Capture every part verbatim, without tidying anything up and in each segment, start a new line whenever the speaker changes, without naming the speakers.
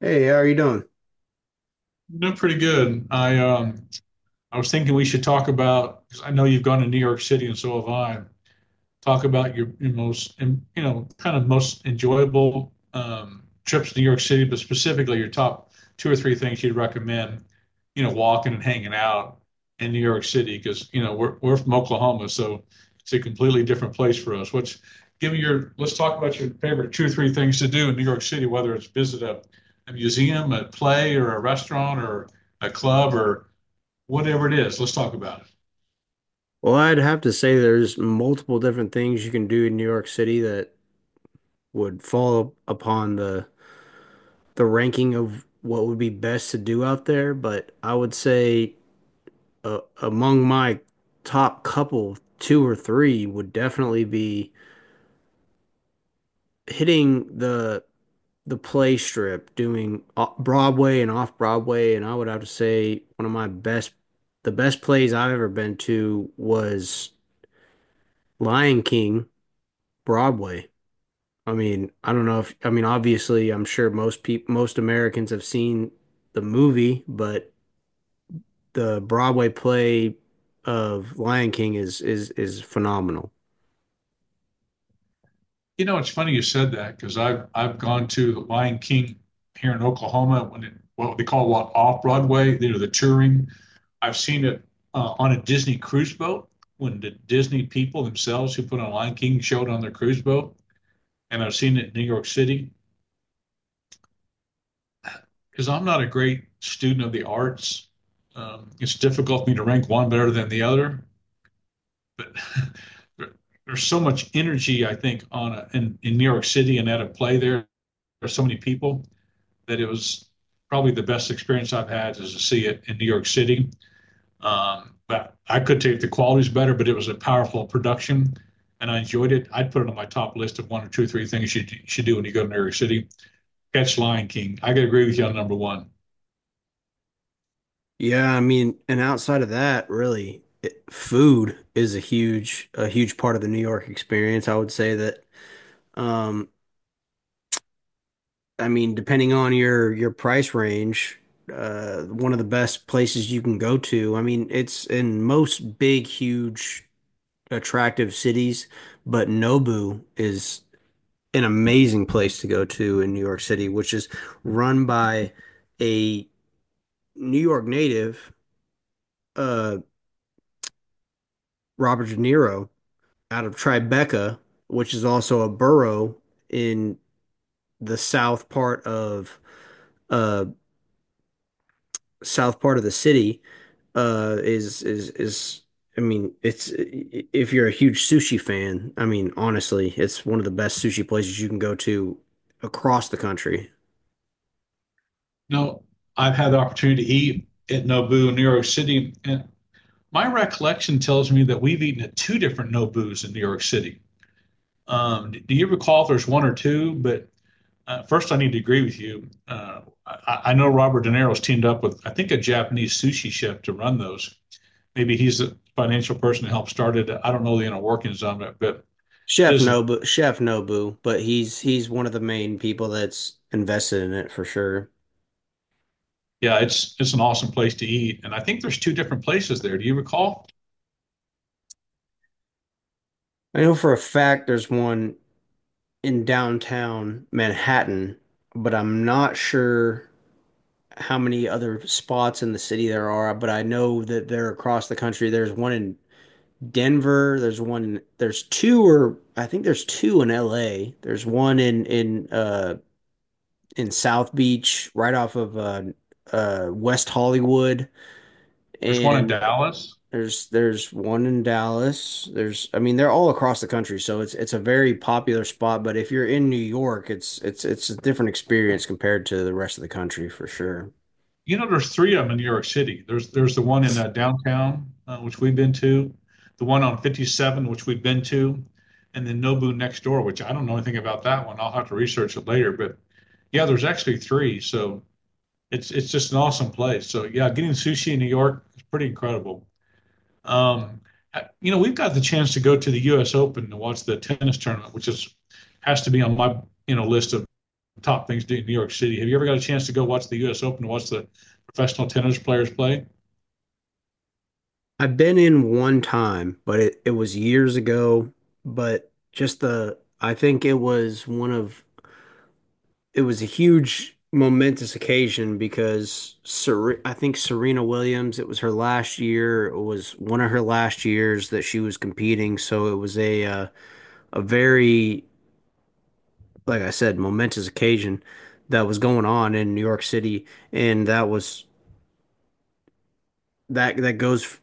Hey, how are you doing?
No, pretty good. I um I was thinking we should talk about because I know you've gone to New York City and so have I, talk about your, your most, um, you know, kind of most enjoyable um, trips to New York City, but specifically your top two or three things you'd recommend, you know, walking and hanging out in New York City because, you know, we're, we're from Oklahoma, so it's a completely different place for us. What's, give me your, let's talk about your favorite two or three things to do in New York City, whether it's visit a, a museum, a play, or a restaurant, or a club, or whatever it is. Let's talk about it.
Well, I'd have to say there's multiple different things you can do in New York City that would fall upon the the ranking of what would be best to do out there, but I would say uh, among my top couple, two or three would definitely be hitting the the play strip, doing o- Broadway and off Broadway, and I would have to say one of my best the best plays I've ever been to was Lion King Broadway. I mean, I don't know if I mean, obviously, I'm sure most people most Americans have seen the movie, but the Broadway play of Lion King is is is phenomenal.
You know, it's funny you said that because I've I've gone to the Lion King here in Oklahoma when it, what they call, what, off Broadway, you know, the touring. I've seen it uh, on a Disney cruise boat when the Disney people themselves who put on Lion King showed on their cruise boat, and I've seen it in New York City because I'm not a great student of the arts. Um, it's difficult for me to rank one better than the other, but there, there's so much energy I think on a, in in New York City and at a play there. There's so many people that it was probably the best experience I've had is to see it in New York City. Um, but I could take, the quality's better, but it was a powerful production and I enjoyed it. I'd put it on my top list of one or two, three things you should do when you go to New York City. Catch Lion King. I could agree with you on number one.
Yeah, I mean, and outside of that, really, it, food is a huge a huge part of the New York experience. I would say that um I mean, depending on your your price range, uh one of the best places you can go to. I mean, it's in most big huge attractive cities, but Nobu is an amazing place to go to in New York City, which is run by a New York native, uh, Robert De Niro, out of Tribeca, which is also a borough in the south part of uh, south part of the city uh is is is I mean, it's if you're a huge sushi fan, I mean, honestly, it's one of the best sushi places you can go to across the country.
No, I've had the opportunity to eat at Nobu in New York City. And my recollection tells me that we've eaten at two different Nobus in New York City. Um, do you recall if there's one or two? But Uh, first, I need to agree with you. Uh, I, I know Robert De Niro's teamed up with, I think, a Japanese sushi chef to run those. Maybe he's the financial person to help start it. I don't know the inner workings of it, but it
Chef
is,
Nobu, Chef Nobu, but he's he's one of the main people that's invested in it for sure.
yeah, it's it's an awesome place to eat. And I think there's two different places there. Do you recall?
I know for a fact there's one in downtown Manhattan, but I'm not sure how many other spots in the city there are, but I know that they're across the country. There's one in Denver. There's one. in- There's two, or I think there's two in L A. There's one in in uh in South Beach, right off of uh uh West Hollywood,
There's one in
and
Dallas.
there's there's one in Dallas. There's I mean, they're all across the country, so it's it's a very popular spot. But if you're in New York, it's it's it's a different experience compared to the rest of the country for sure.
You know, there's three of them in New York City. There's there's the one in uh, downtown, uh, which we've been to, the one on fifty-seven, which we've been to, and then Nobu next door, which I don't know anything about that one. I'll have to research it later. But yeah, there's actually three. So it's it's just an awesome place. So yeah, getting sushi in New York is pretty incredible. Um, uh, you know, we've got the chance to go to the U S. Open to watch the tennis tournament, which is has to be on my, you know, list of top things to do in New York City. Have you ever got a chance to go watch the U S. Open, watch the professional tennis players play?
I've been in one time, but it, it was years ago. But just the, I think it was one of it was a huge momentous occasion because Ser I think Serena Williams, it was her last year, it was one of her last years that she was competing, so it was a uh, a very, like I said, momentous occasion that was going on in New York City, and that was that that goes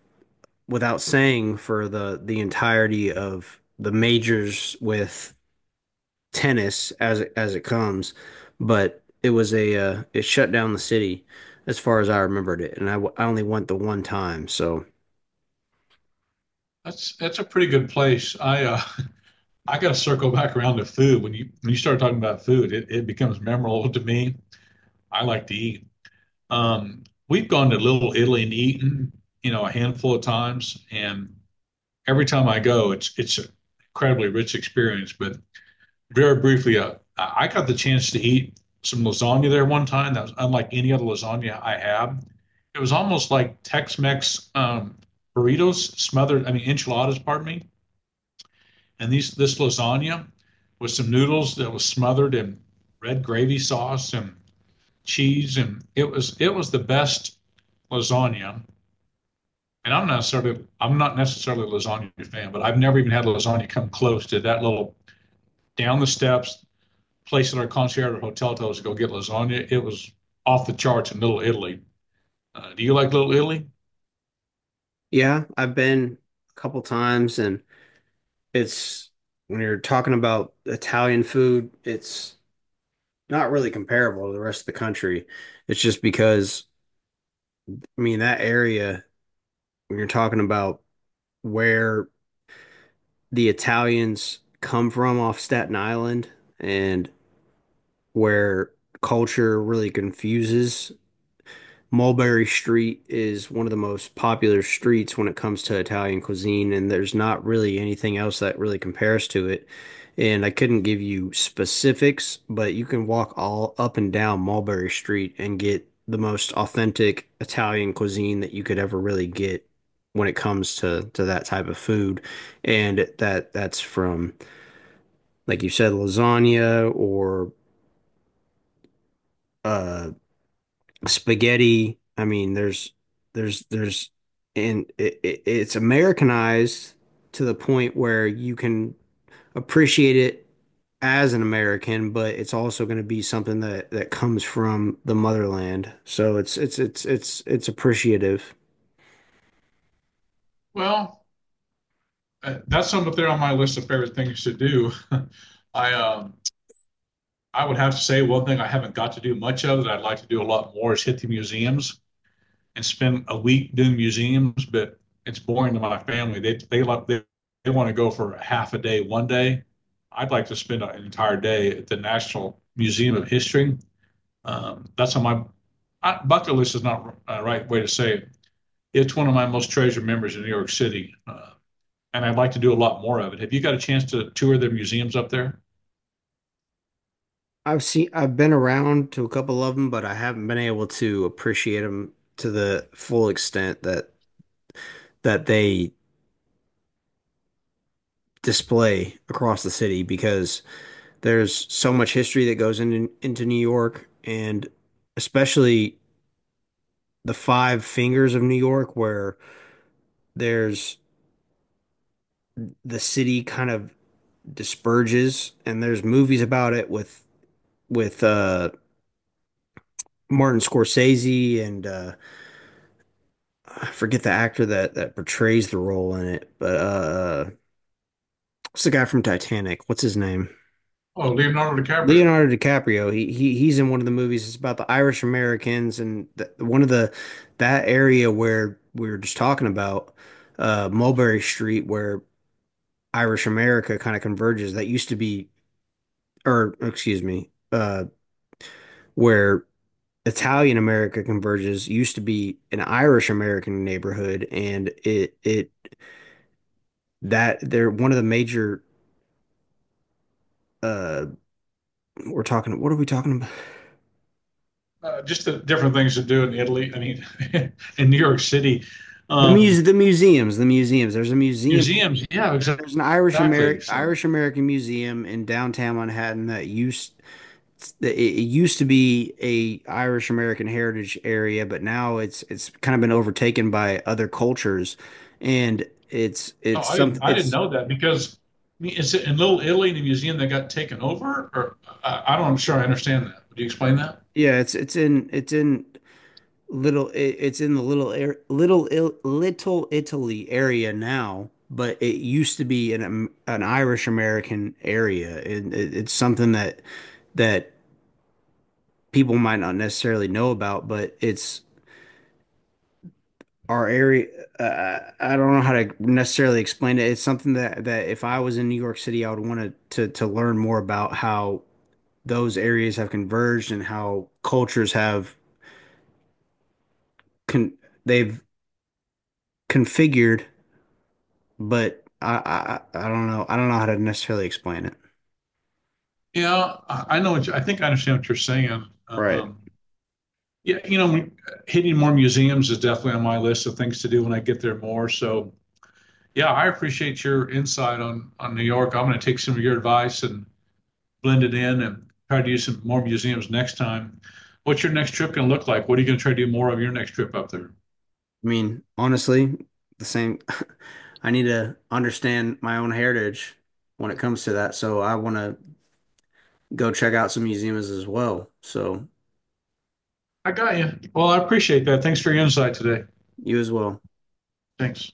without saying for the the entirety of the majors with tennis as it, as it comes, but it was a uh, it shut down the city as far as I remembered it, and I, w- I only went the one time. So
That's that's a pretty good place. I uh, I got to circle back around to food. When you when you start talking about food, it, it becomes memorable to me. I like to eat. Um, we've gone to Little Italy and eaten, you know, a handful of times, and every time I go, it's it's an incredibly rich experience. But very briefly, uh, I got the chance to eat some lasagna there one time. That was unlike any other lasagna I had. It was almost like Tex-Mex um, burritos smothered, I mean enchiladas, pardon me. And these this lasagna with some noodles that was smothered in red gravy sauce and cheese, and it was it was the best lasagna. And I'm not necessarily I'm not necessarily a lasagna fan, but I've never even had a lasagna come close to that little down the steps, place in our concierge at hotel told us to go get lasagna. It was off the charts in Little Italy. Uh, do you like Little Italy?
yeah, I've been a couple times, and it's when you're talking about Italian food, it's not really comparable to the rest of the country. It's just because I mean that area when you're talking about where the Italians come from off Staten Island and where culture really confuses Mulberry Street is one of the most popular streets when it comes to Italian cuisine, and there's not really anything else that really compares to it. And I couldn't give you specifics, but you can walk all up and down Mulberry Street and get the most authentic Italian cuisine that you could ever really get when it comes to to that type of food. And that that's from, like you said, lasagna or uh spaghetti. I mean, there's there's there's and it, it, it's Americanized to the point where you can appreciate it as an American, but it's also going to be something that that comes from the motherland. So it's it's it's it's it's appreciative.
Well, uh, that's something up there on my list of favorite things to do. I um, I would have to say one thing I haven't got to do much of that I'd like to do a lot more is hit the museums and spend a week doing museums, but it's boring to my family. They they like they, they want to go for half a day one day. I'd like to spend an entire day at the National Museum of History. Um, that's on my, I, bucket list is not a right way to say it. It's one of my most treasured memories in New York City, uh, and I'd like to do a lot more of it. Have you got a chance to tour the museums up there?
I've seen I've been around to a couple of them, but I haven't been able to appreciate them to the full extent that that they display across the city because there's so much history that goes into into New York, and especially the five fingers of New York, where there's the city kind of disperses, and there's movies about it with with uh, Martin Scorsese and uh, I forget the actor that that portrays the role in it, but uh, what's the guy from Titanic? What's his name?
Oh, Leonardo DiCaprio.
Leonardo DiCaprio, he, he he's in one of the movies. It's about the Irish Americans and th one of the that area where we were just talking about, uh, Mulberry Street, where Irish America kind of converges. That used to be, or excuse me, uh, where Italian America converges used to be an Irish American neighborhood, and it it that they're one of the major. Uh, we're talking. What are we talking about?
Uh, just the different things to do in Italy. I mean, in New York City,
The
um,
muse, the museums, the museums. There's a museum
museums. Yeah,
There-
exac-
there's an Irish
exactly.
American
So
Irish American museum in downtown Manhattan that used that it it used to be a Irish American heritage area, but now it's it's kind of been overtaken by other cultures, and it's
oh,
it's
I didn't.
something
I didn't
it's
know that because I mean, is it in Little Italy the museum that got taken over? Or I, I don't. I'm sure I understand that. Would you explain that?
yeah it's it's in it's in little it, it's in the little air little Il, little Italy area now, but it used to be an Am- an Irish American area, and it, it's something that that. People might not necessarily know about, but it's our area. Uh, I don't know how to necessarily explain it. It's something that that if I was in New York City, I would want to to to learn more about how those areas have converged and how cultures have con they've configured. But I, I I don't know. I don't know how to necessarily explain it.
Yeah, I I know what you, I think I understand what you're saying.
Right.
Um, yeah, you know, hitting more museums is definitely on my list of things to do when I get there more. So, yeah, I appreciate your insight on on New York. I'm going to take some of your advice and blend it in and try to use some more museums next time. What's your next trip going to look like? What are you going to try to do more of your next trip up there?
I mean, honestly, the same. I need to understand my own heritage when it comes to that. So I want to go check out some museums as well. So
I got you. Well, I appreciate that. Thanks for your insight today.
you as well.
Thanks.